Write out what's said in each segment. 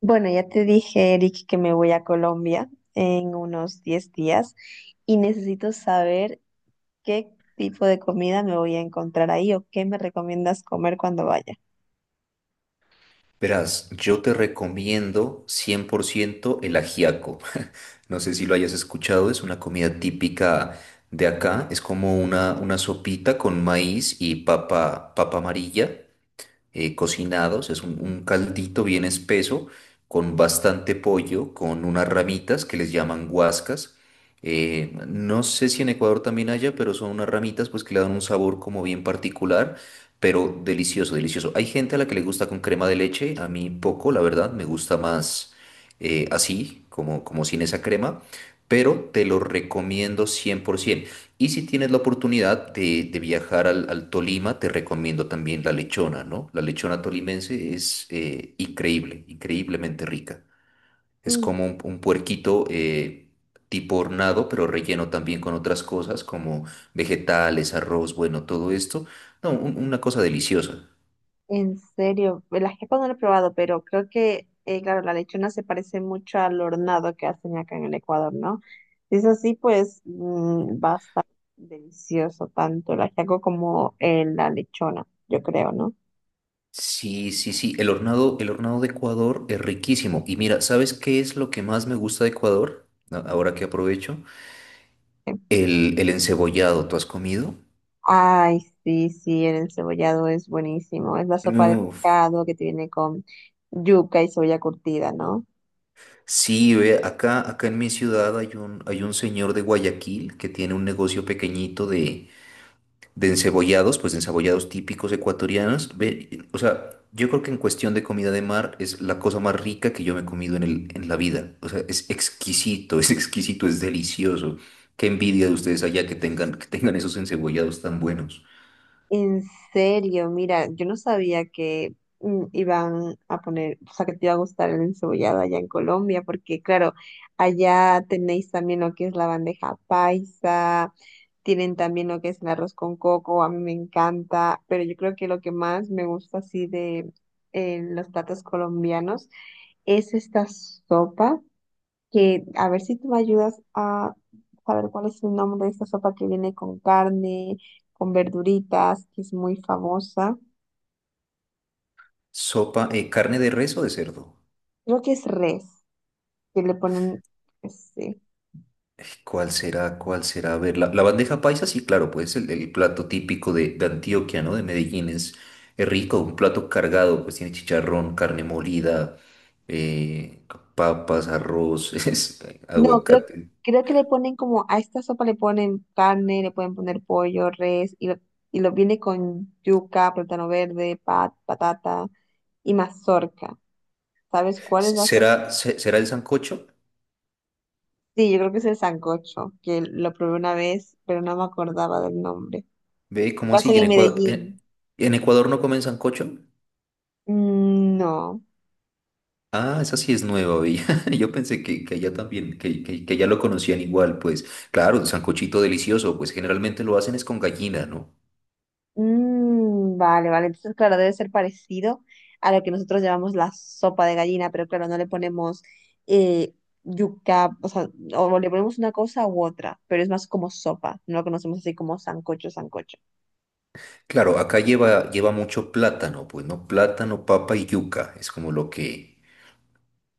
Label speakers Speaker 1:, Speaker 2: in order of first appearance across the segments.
Speaker 1: Bueno, ya te dije, Eric, que me voy a Colombia en unos 10 días y necesito saber qué tipo de comida me voy a encontrar ahí o qué me recomiendas comer cuando vaya.
Speaker 2: Verás, yo te recomiendo 100% el ajiaco. No sé si lo hayas escuchado, es una comida típica de acá. Es como una sopita con maíz y papa, papa amarilla cocinados. Es un caldito bien espeso con bastante pollo, con unas ramitas que les llaman guascas. No sé si en Ecuador también haya, pero son unas ramitas pues que le dan un sabor como bien particular, pero delicioso, delicioso. Hay gente a la que le gusta con crema de leche, a mí poco, la verdad, me gusta más así, como, como sin esa crema, pero te lo recomiendo 100%. Y si tienes la oportunidad de viajar al Tolima, te recomiendo también la lechona, ¿no? La lechona tolimense es increíble, increíblemente rica. Es
Speaker 1: Mm,
Speaker 2: como un puerquito tipo hornado, pero relleno también con otras cosas como vegetales, arroz, bueno, todo esto. No, una cosa deliciosa.
Speaker 1: En serio, la jefa no la he probado, pero creo que, claro, la lechona se parece mucho al hornado que hacen acá en el Ecuador, ¿no? Si es así, pues va a estar delicioso tanto el ajiaco como la lechona, yo creo, ¿no?
Speaker 2: Sí, sí, sí, el hornado de Ecuador es riquísimo. Y mira, ¿sabes qué es lo que más me gusta de Ecuador? Ahora que aprovecho, el encebollado, ¿tú has comido?
Speaker 1: Ay, sí, sí, el encebollado es buenísimo. Es la sopa de
Speaker 2: Uf.
Speaker 1: pescado que tiene con yuca y soya curtida, ¿no?
Speaker 2: Sí, ve, acá, acá en mi ciudad hay un señor de Guayaquil que tiene un negocio pequeñito de encebollados, pues de encebollados típicos ecuatorianos. Ve, o sea, yo creo que en cuestión de comida de mar es la cosa más rica que yo me he comido en en la vida. O sea, es exquisito, es exquisito, es delicioso. Qué envidia de ustedes allá que tengan esos encebollados tan buenos.
Speaker 1: En serio, mira, yo no sabía que iban a poner, o sea, que te iba a gustar el encebollado allá en Colombia, porque claro, allá tenéis también lo que es la bandeja paisa, tienen también lo que es el arroz con coco, a mí me encanta, pero yo creo que lo que más me gusta así de los platos colombianos es esta sopa, que a ver si tú me ayudas a saber cuál es el nombre de esta sopa que viene con carne, con verduritas, que es muy famosa.
Speaker 2: Sopa, carne de res o de cerdo.
Speaker 1: Creo que es res, que le ponen, este,
Speaker 2: ¿Cuál será? ¿Cuál será? A ver, la bandeja paisa, sí, claro, pues el plato típico de Antioquia, ¿no? De Medellín es rico, un plato cargado, pues tiene chicharrón, carne molida, eh, papas, arroz,
Speaker 1: no, creo,
Speaker 2: aguacate.
Speaker 1: creo que le ponen como, a esta sopa le ponen carne, le pueden poner pollo, res, y lo viene con yuca, plátano verde, pat, patata y mazorca. ¿Sabes cuál es la sopa?
Speaker 2: ¿Será, será el sancocho?
Speaker 1: Sí, yo creo que es el sancocho, que lo probé una vez, pero no me acordaba del nombre.
Speaker 2: Ve, ¿cómo así?
Speaker 1: Pasan
Speaker 2: ¿Y en
Speaker 1: en
Speaker 2: Ecuador,
Speaker 1: Medellín.
Speaker 2: en Ecuador no comen sancocho?
Speaker 1: Mm, no.
Speaker 2: Ah, esa sí es nueva, vi. Yo pensé que allá también, que allá lo conocían igual, pues. Claro, un sancochito delicioso, pues generalmente lo hacen es con gallina, ¿no?
Speaker 1: Mm, vale, vale. Entonces, claro, debe ser parecido a lo que nosotros llamamos la sopa de gallina, pero claro, no le ponemos eh, yuca, o sea, o le ponemos una cosa u otra, pero es más como sopa. No lo conocemos así como sancocho, sancocho.
Speaker 2: Claro, acá lleva, lleva mucho plátano, pues, ¿no? Plátano, papa y yuca. Es como lo que,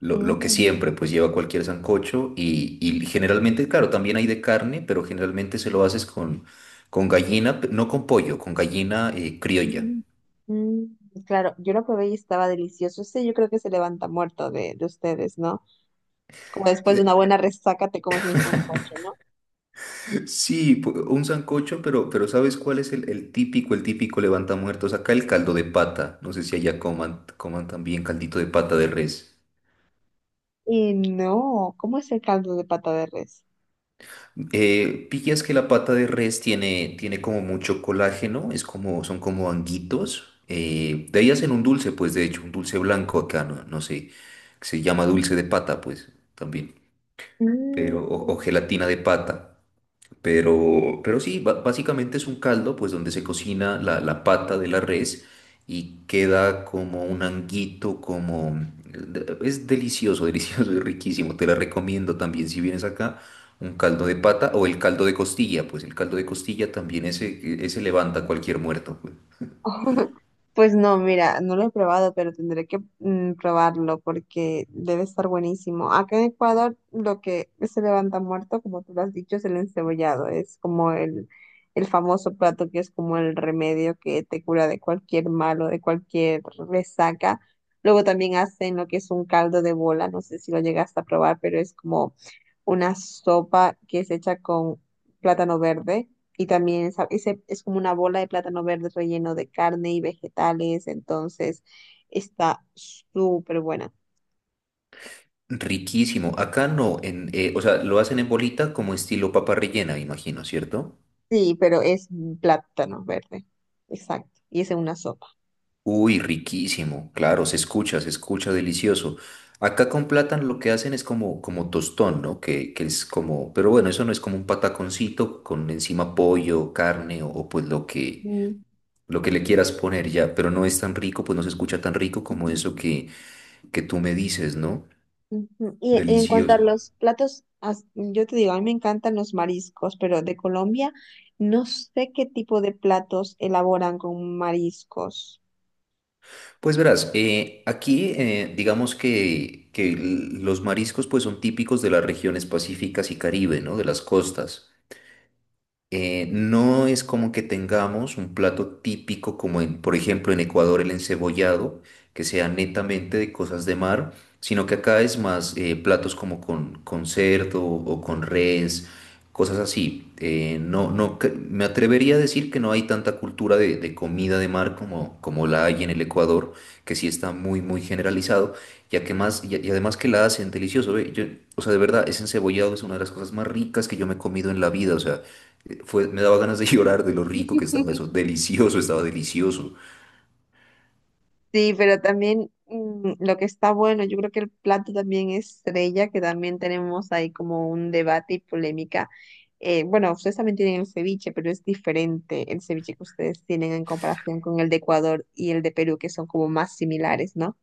Speaker 2: lo que
Speaker 1: Mm,
Speaker 2: siempre, pues, lleva cualquier sancocho. Y generalmente, claro, también hay de carne, pero generalmente se lo haces con gallina, no con pollo, con gallina criolla.
Speaker 1: mm, mm. Claro, yo lo probé y estaba delicioso. Ese yo creo que se levanta muerto de ustedes, ¿no? Como después de una buena resaca te comes un sancocho, ¿no?
Speaker 2: Sí, un sancocho, pero ¿sabes cuál es el típico levanta muertos? Acá el caldo de pata. No sé si allá coman, coman también caldito de pata de res.
Speaker 1: Y no, ¿cómo es el caldo de pata de res?
Speaker 2: Pillas que la pata de res tiene, tiene como mucho colágeno, es como, son como anguitos. De ahí hacen un dulce, pues de hecho, un dulce blanco acá, no, no sé, que se llama dulce de pata, pues también,
Speaker 1: Mm.
Speaker 2: pero, o gelatina de pata. Pero sí, básicamente es un caldo, pues donde se cocina la, la pata de la res y queda como un anguito, como... Es delicioso, delicioso y riquísimo. Te la recomiendo también si vienes acá, un caldo de pata o el caldo de costilla, pues el caldo de costilla también ese levanta cualquier muerto, pues.
Speaker 1: Pues no, mira, no lo he probado, pero tendré que probarlo porque debe estar buenísimo. Acá en Ecuador lo que se levanta muerto, como tú lo has dicho, es el encebollado. Es como el famoso plato que es como el remedio que te cura de cualquier malo, de cualquier resaca. Luego también hacen lo que es un caldo de bola, no sé si lo llegaste a probar, pero es como una sopa que es hecha con plátano verde. Y también esa- ese es como una bola de plátano verde relleno de carne y vegetales, entonces está súper buena.
Speaker 2: Riquísimo. Acá no, en, o sea, lo hacen en bolita como estilo papa rellena, imagino, ¿cierto?
Speaker 1: Sí, pero es plátano verde, exacto, y es en una sopa.
Speaker 2: Uy, riquísimo, claro, se escucha delicioso. Acá con plátano lo que hacen es como, como tostón, ¿no? Que es como, pero bueno, eso no es como un pataconcito con encima pollo, carne o pues
Speaker 1: Mm,
Speaker 2: lo que le quieras poner ya, pero no es tan rico, pues no se escucha tan rico como eso que tú me dices, ¿no?
Speaker 1: ujú. Y en cuanto a
Speaker 2: Delicioso.
Speaker 1: los platos, as- yo te digo, a mí me encantan los mariscos, pero de Colombia no sé qué tipo de platos elaboran con mariscos.
Speaker 2: Pues verás, aquí digamos que, los mariscos pues son típicos de las regiones pacíficas y Caribe, ¿no? De las costas. No es como que tengamos un plato típico como en, por ejemplo, en Ecuador el encebollado, que sea netamente de cosas de mar, sino que acá es más platos como con cerdo o con res, cosas así. No, no, me atrevería a decir que no hay tanta cultura de comida de mar como, como la hay en el Ecuador, que sí está muy, muy generalizado, ya que más, y además que la hacen delicioso, ve, o sea, de verdad, ese encebollado es una de las cosas más ricas que yo me he comido en la vida, o sea. Fue, me daba ganas de llorar de lo rico que estaba eso. Delicioso, estaba delicioso.
Speaker 1: Sí, pero también lo que está bueno, yo creo que el plato también estrella, que también tenemos ahí como un debate y polémica. Bueno, ustedes también tienen el ceviche, pero es diferente el ceviche que ustedes tienen en comparación con el de Ecuador y el de Perú, que son como más similares, ¿no?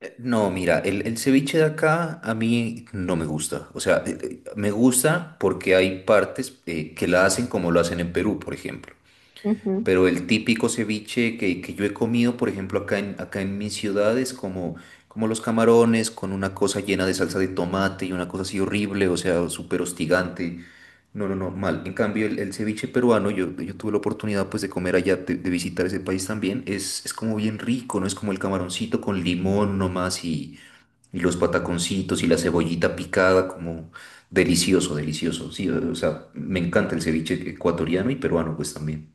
Speaker 2: No, mira, el ceviche de acá a mí no me gusta. O sea, me gusta porque hay partes que la hacen como lo hacen en Perú, por ejemplo.
Speaker 1: Ujú.
Speaker 2: Pero el típico ceviche que yo he comido, por ejemplo, acá en, acá en mi ciudad es como, como los camarones con una cosa llena de salsa de tomate y una cosa así horrible, o sea, súper hostigante. No, no, no, mal. En cambio, el ceviche peruano, yo tuve la oportunidad pues de comer allá, de visitar ese país también, es como bien rico, ¿no? Es como el camaroncito con limón nomás y los pataconcitos y la cebollita picada, como delicioso, delicioso. Sí, o sea, me encanta el ceviche ecuatoriano y peruano pues también.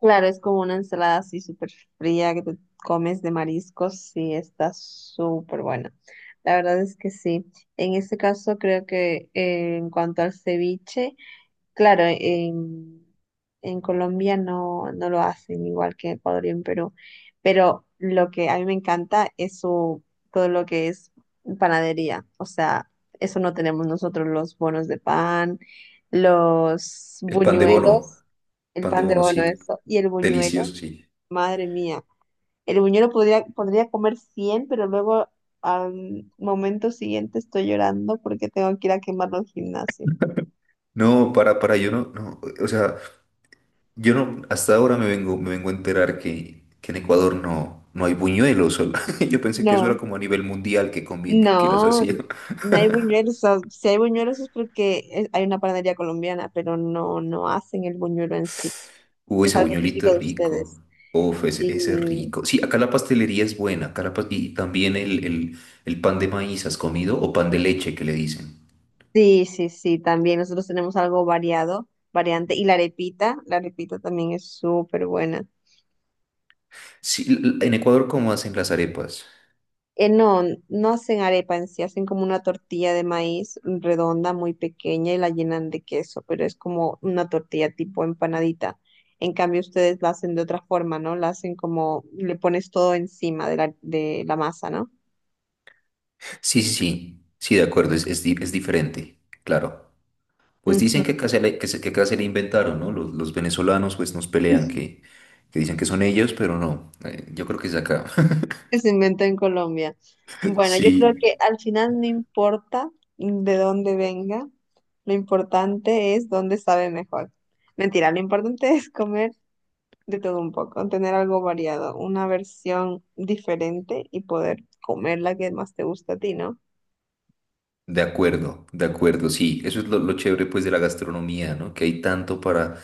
Speaker 1: Claro, es como una ensalada así súper fría que te comes de mariscos, sí, está súper buena. La verdad es que sí. En este caso, creo que en cuanto al ceviche, claro, en Colombia no, no lo hacen igual que en Ecuador y en Perú, pero lo que a mí me encanta es su, todo lo que es panadería, o sea, eso no tenemos nosotros, los bonos de pan, los
Speaker 2: El
Speaker 1: buñuelos, el
Speaker 2: pan de
Speaker 1: pan de
Speaker 2: bono,
Speaker 1: bono,
Speaker 2: sí,
Speaker 1: eso, y el buñuelo,
Speaker 2: delicioso, sí.
Speaker 1: madre mía, el buñuelo podría, podría comer 100, pero luego al momento siguiente estoy llorando porque tengo que ir a quemarlo al gimnasio.
Speaker 2: No, para, yo no, no, o sea... Yo no, hasta ahora me vengo a enterar que en Ecuador no, no hay buñuelos. Yo pensé que eso era
Speaker 1: No.
Speaker 2: como a nivel mundial que comí, que las
Speaker 1: No,
Speaker 2: hacían.
Speaker 1: no no hay buñuelos. O- Si hay buñuelos es porque es- hay una panadería colombiana, pero no, no hacen el buñuelo en sí.
Speaker 2: Uy,
Speaker 1: Es
Speaker 2: ese
Speaker 1: algo
Speaker 2: buñuelito
Speaker 1: típico
Speaker 2: es
Speaker 1: de
Speaker 2: rico.
Speaker 1: ustedes.
Speaker 2: Uf, ese,
Speaker 1: Sí,
Speaker 2: ese es rico. Sí, acá la pastelería es buena. Acá y también el pan de maíz, ¿has comido? O pan de leche que le dicen.
Speaker 1: sí, sí, sí, también nosotros tenemos algo variado, variante. Y la arepita también es súper buena.
Speaker 2: Sí, en Ecuador, ¿cómo hacen las arepas?
Speaker 1: No, no hacen arepa en sí, hacen como una tortilla de maíz redonda, muy pequeña y la llenan de queso, pero es como una tortilla tipo empanadita. En cambio, ustedes la hacen de otra forma, ¿no? La hacen como, le pones todo encima de la masa, ¿no?
Speaker 2: Sí, sí, sí. Sí, de acuerdo, es, es diferente. Claro. Pues
Speaker 1: Ujú.
Speaker 2: dicen que casi le, que se, que casi le inventaron, ¿no? Los venezolanos pues nos pelean, que dicen que son ellos, pero no, yo creo que es de acá.
Speaker 1: Que se inventó en Colombia. Bueno, yo creo
Speaker 2: Sí,
Speaker 1: que al final no importa de dónde venga, lo importante es dónde sabe mejor. Mentira, lo importante es comer de todo un poco, tener algo variado, una versión diferente y poder comer la que más te gusta a ti, ¿no?
Speaker 2: de acuerdo, sí. Eso es lo chévere pues de la gastronomía, ¿no? Que hay tanto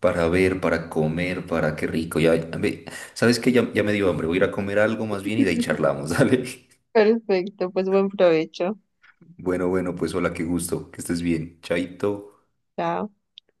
Speaker 2: para ver, para comer, para qué rico. Ya, ¿sabes qué? Ya, ya me dio hambre, voy a ir a comer algo más bien y de ahí charlamos, dale.
Speaker 1: Perfecto, pues buen provecho.
Speaker 2: Bueno, bueno, pues hola, qué gusto, que estés bien. Chaito.
Speaker 1: Chao.